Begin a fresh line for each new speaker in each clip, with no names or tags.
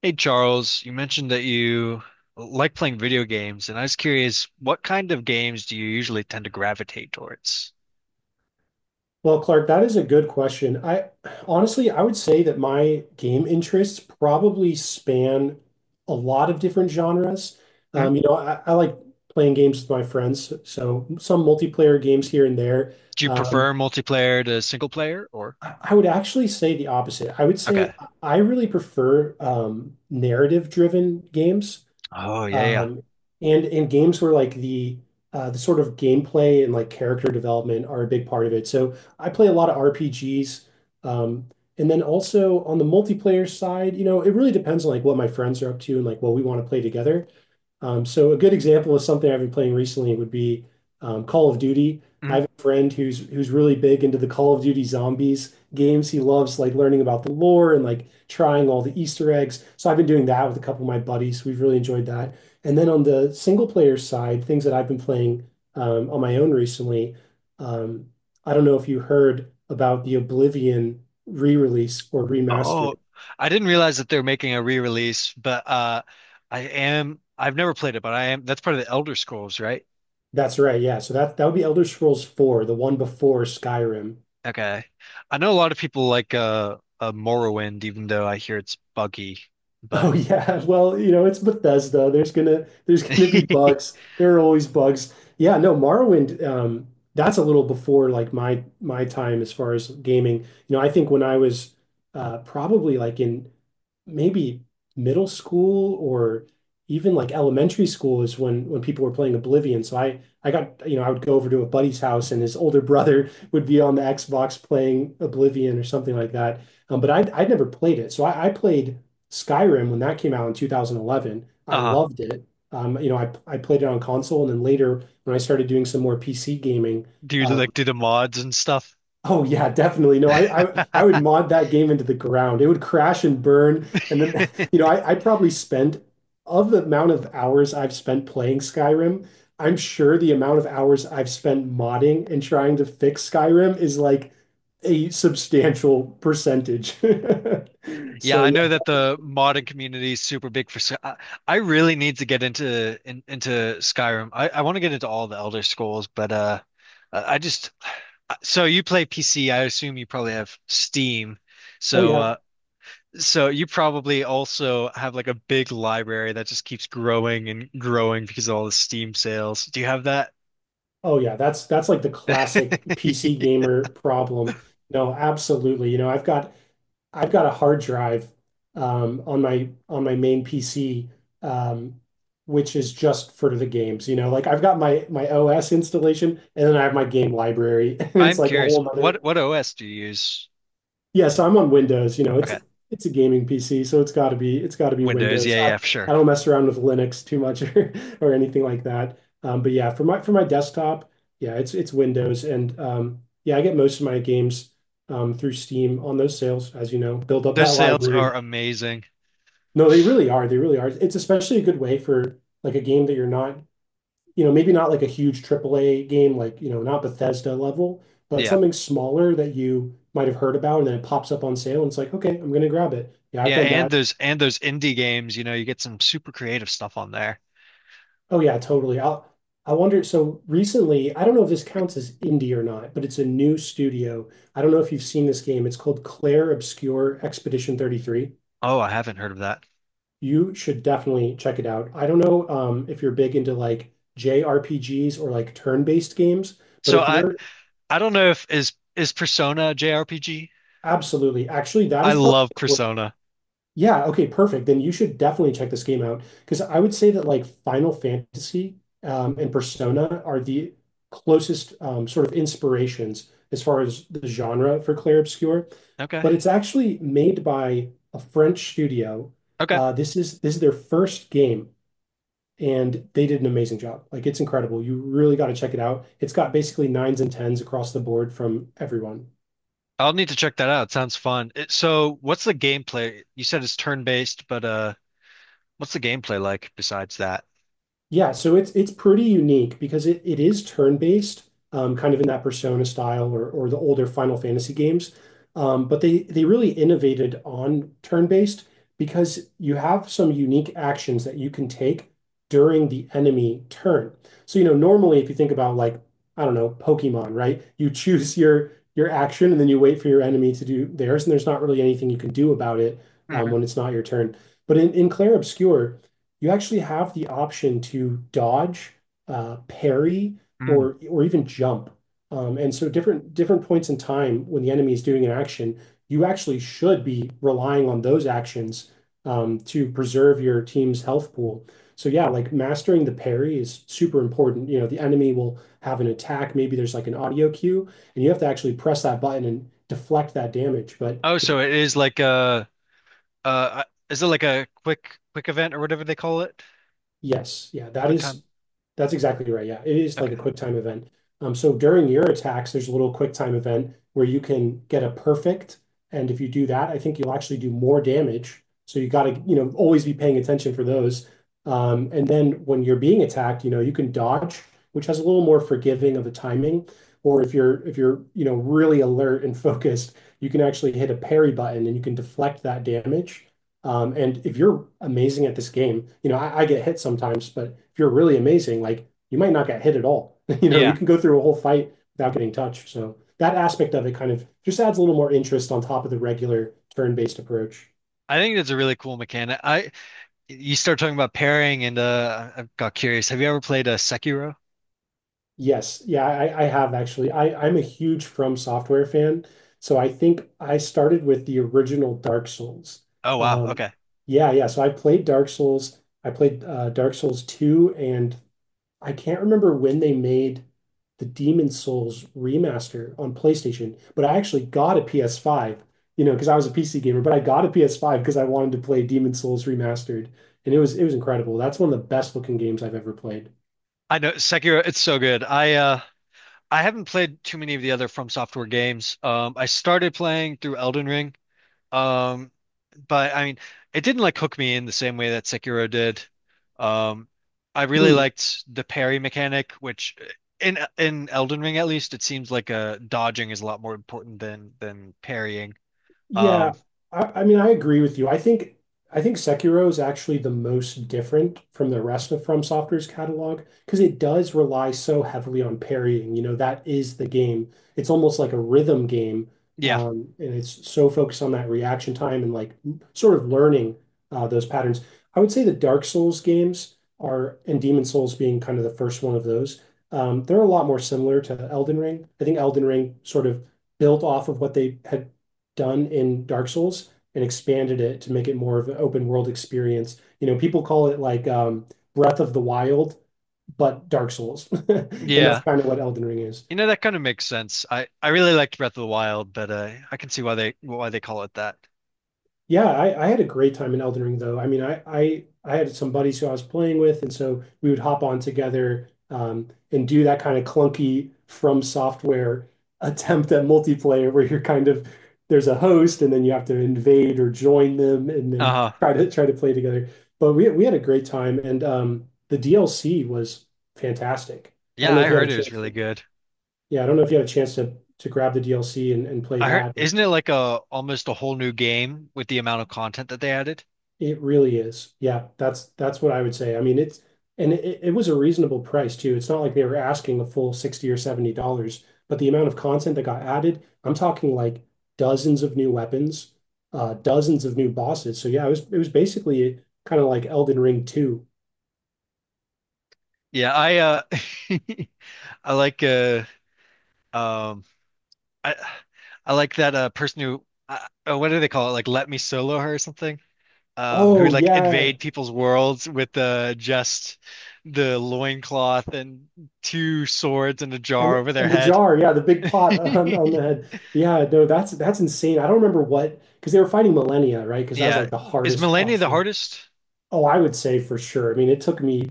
Hey Charles, you mentioned that you like playing video games, and I was curious, what kind of games do you usually tend to gravitate towards?
Well, Clark, that is a good question. I honestly, I would say that my game interests probably span a lot of different genres.
Mhm.
I like playing games with my friends, so some multiplayer games here and there.
Do you
Um,
prefer multiplayer to single player or?
I would actually say the opposite. I would
Okay.
say I really prefer narrative-driven games.
Oh yeah, yeah.
Um, and games where like the sort of gameplay and like character development are a big part of it. So I play a lot of RPGs. Um, and then also on the multiplayer side, you know, it really depends on like what my friends are up to and like what we want to play together. So a good example of something I've been playing recently would be Call of Duty. I
Mhm.
have a friend who's really big into the Call of Duty Zombies games. He loves like learning about the lore and like trying all the Easter eggs. So I've been doing that with a couple of my buddies. We've really enjoyed that. And then on the single player side, things that I've been playing on my own recently. Um, I don't know if you heard about the Oblivion re-release or remaster.
Oh, I didn't realize that they're making a re-release, but I am I've never played it, but I am that's part of the Elder Scrolls, right?
That's right, yeah. So that would be Elder Scrolls 4, the one before Skyrim.
Okay. I know a lot of people like Morrowind, even though I hear it's buggy, but
Oh yeah, well, you know, it's Bethesda. There's gonna be bugs. There are always bugs. Yeah, no, Morrowind, that's a little before like my time as far as gaming. You know, I think when I was probably like in maybe middle school or even like elementary school is when people were playing Oblivion. So I got, you know, I would go over to a buddy's house and his older brother would be on the Xbox playing Oblivion or something like that. But I'd never played it. So I played Skyrim when that came out in 2011. I
uh
loved it. I played it on console, and then later when I started doing some more PC gaming,
do you
uh,
do the mods and stuff?
oh yeah, definitely. No, I would mod that game into the ground. It would crash and burn, and then you know, I probably spent of the amount of hours I've spent playing Skyrim, I'm sure the amount of hours I've spent modding and trying to fix Skyrim is like a substantial percentage.
Yeah,
So
I
yeah,
know that the modding community is super big for Sky. I really need to get into Skyrim. I want to get into all the Elder Scrolls, but I just so you play PC. I assume you probably have Steam,
oh
so
yeah.
so you probably also have like a big library that just keeps growing and growing because of all the Steam sales. Do you have that?
Oh yeah, that's like the classic PC gamer problem. No, absolutely. You know, I've got a hard drive on my main PC, um, which is just for the games. You know, like I've got my OS installation, and then I have my game library, and it's
I'm
like a
curious.
whole other
What OS do you use?
yeah, so I'm on Windows. You know, it's
Okay,
it's a gaming PC, so it's got to be
Windows. Yeah,
Windows.
yeah, for sure.
I don't mess around with Linux too much or anything like that. But yeah, for my desktop, yeah, it's Windows, and yeah, I get most of my games through Steam on those sales, as you know, build up that
Those sales
library.
are amazing.
No, they really are. They really are. It's especially a good way for like a game that you're not you know, maybe not like a huge AAA game, like, you know, not Bethesda level, but
Yeah.
something smaller that you might have heard about and then it pops up on sale and it's like, okay, I'm gonna grab it. Yeah, I've
Yeah,
done
and
that.
those indie games, you know, you get some super creative stuff on there.
Oh yeah, totally. I wonder, so recently, I don't know if this counts as indie or not, but it's a new studio. I don't know if you've seen this game. It's called Claire Obscure Expedition 33.
Oh, I haven't heard of that.
You should definitely check it out. I don't know if you're big into like JRPGs or like turn-based games, but
So
if
I
you're
I don't know if is Persona a JRPG?
absolutely, actually, that
I
is probably
love Persona.
yeah, okay, perfect. Then you should definitely check this game out because I would say that like Final Fantasy and Persona are the closest sort of inspirations as far as the genre for Clair Obscur.
Okay.
But it's actually made by a French studio.
Okay.
This is their first game, and they did an amazing job. Like it's incredible. You really got to check it out. It's got basically nines and tens across the board from everyone.
I'll need to check that out. Sounds fun. It, so what's the gameplay? You said it's turn-based, but what's the gameplay like besides that?
Yeah, so it's pretty unique because it is turn-based, kind of in that Persona style or the older Final Fantasy games. But they really innovated on turn-based because you have some unique actions that you can take during the enemy turn. So, you know, normally if you think about like, I don't know, Pokemon, right? You choose your action and then you wait for your enemy to do theirs, and there's not really anything you can do about it
Mhm.
when it's not your turn. But in Clair Obscur, you actually have the option to dodge, parry,
Mm.
or even jump. And so, different points in time when the enemy is doing an action, you actually should be relying on those actions to preserve your team's health pool. So, yeah, like mastering the parry is super important. You know, the enemy will have an attack. Maybe there's like an audio cue, and you have to actually press that button and deflect that damage. But
Oh,
if
so it is like a uh is it like a quick event or whatever they call it?
yes. Yeah, that
Quick time.
is that's exactly right. Yeah. It is like a
Okay.
QuickTime event. So during your attacks, there's a little QuickTime event where you can get a perfect. And if you do that, I think you'll actually do more damage. So you gotta, you know, always be paying attention for those. And then when you're being attacked, you know, you can dodge, which has a little more forgiving of the timing. Or if you're you know, really alert and focused, you can actually hit a parry button and you can deflect that damage. And if you're amazing at this game, you know, I get hit sometimes, but if you're really amazing, like you might not get hit at all. You know, you
Yeah.
can go through a whole fight without getting touched. So that aspect of it kind of just adds a little more interest on top of the regular turn-based approach.
I think that's a really cool mechanic. I You start talking about pairing, and I got curious. Have you ever played a Sekiro?
Yes. Yeah, I have actually. I'm a huge From Software fan. So I think I started with the original Dark Souls.
Oh wow,
Um,
okay.
yeah. So I played Dark Souls. I played Dark Souls 2 and I can't remember when they made the Demon Souls remaster on PlayStation, but I actually got a PS5, you know, because I was a PC gamer, but I got a PS5 because I wanted to play Demon Souls remastered, and it was incredible. That's one of the best looking games I've ever played.
I know Sekiro. It's so good. I haven't played too many of the other From Software games. I started playing through Elden Ring. Um, but I mean, it didn't like hook me in the same way that Sekiro did. Um, I really
Hmm.
liked the parry mechanic, which in Elden Ring at least, it seems like dodging is a lot more important than parrying.
Yeah,
Um,
I mean, I agree with you. I think Sekiro is actually the most different from the rest of From Software's catalog because it does rely so heavily on parrying. You know, that is the game. It's almost like a rhythm game,
yeah,
and it's so focused on that reaction time and like sort of learning those patterns. I would say the Dark Souls games are, and Demon Souls being kind of the first one of those, they're a lot more similar to Elden Ring. I think Elden Ring sort of built off of what they had done in Dark Souls and expanded it to make it more of an open world experience. You know, people call it like Breath of the Wild, but Dark Souls. And that's
yeah.
kind of what Elden Ring is.
You know, that kind of makes sense. I really liked Breath of the Wild, but I can see why they call it that.
Yeah, I had a great time in Elden Ring though. I mean, I had some buddies who I was playing with, and so we would hop on together and do that kind of clunky From Software attempt at multiplayer where you're kind of there's a host and then you have to invade or join them and then
Uh,
try to play together. But we had a great time, and the DLC was fantastic. I don't
yeah,
know
I
if you had
heard
a
it was
chance
really
to,
good.
yeah, I don't know if you had a chance to grab the DLC and play
I heard,
that.
isn't it like a almost a whole new game with the amount of content that they added?
It really is. Yeah, that's what I would say. I mean, it's and it was a reasonable price too. It's not like they were asking a full 60 or $70, but the amount of content that got added, I'm talking like dozens of new weapons, dozens of new bosses. So yeah, it was basically kind of like Elden Ring 2.
Yeah, I I like uh um I I like that person who what do they call it? Like let me solo her or something. Who
Oh
would like
yeah.
invade people's worlds with just the loincloth and two swords and a jar over their
And the
head.
jar, yeah, the big pot on the head. Yeah, no, that's insane. I don't remember what because they were fighting Millennia, right? Because that was
Yeah.
like the
Is
hardest
Millennia the
option.
hardest?
Oh, I would say for sure. I mean, it took me,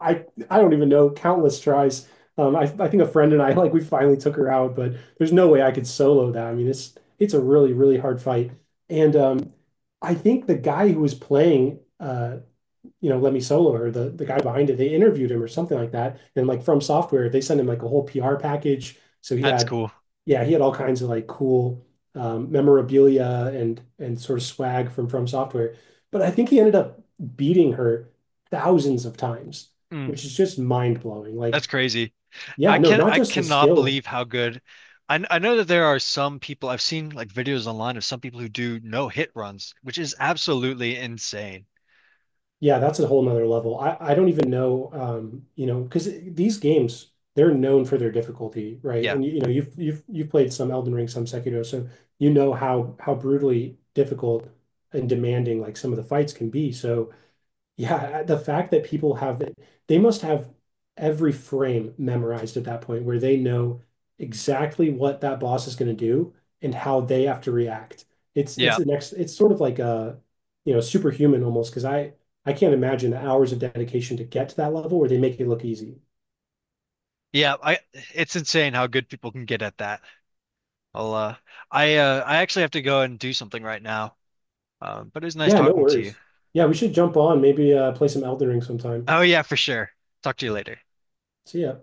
I I don't even know, countless tries. I think a friend and I like we finally took her out, but there's no way I could solo that. I mean, it's a really really hard fight. And I think the guy who was playing, you know, Lemmy Solo or the guy behind it, they interviewed him or something like that. And like from software, they sent him like a whole PR package. So he
That's
had,
cool.
yeah, he had all kinds of like cool memorabilia and sort of swag from software. But I think he ended up beating her thousands of times,
Mm,
which is just mind blowing.
that's
Like,
crazy.
yeah,
I
no,
can
not
I
just the
cannot
skill
believe how good. I know that there are some people I've seen like videos online of some people who do no hit runs, which is absolutely insane.
yeah, that's a whole nother level. I don't even know, you know, because these games, they're known for their difficulty, right?
Yeah.
And you know, you've played some Elden Ring, some Sekiro, so you know how brutally difficult and demanding like some of the fights can be. So yeah, the fact that people have it, they must have every frame memorized at that point where they know exactly what that boss is going to do and how they have to react. It's
Yeah.
the next it's sort of like a you know superhuman almost because I can't imagine the hours of dedication to get to that level where they make it look easy.
Yeah, I it's insane how good people can get at that. I'll uh I actually have to go and do something right now. But it was nice
Yeah, no
talking to you.
worries. Yeah, we should jump on, maybe play some Elden Ring sometime.
Oh yeah, for sure. Talk to you later.
See ya.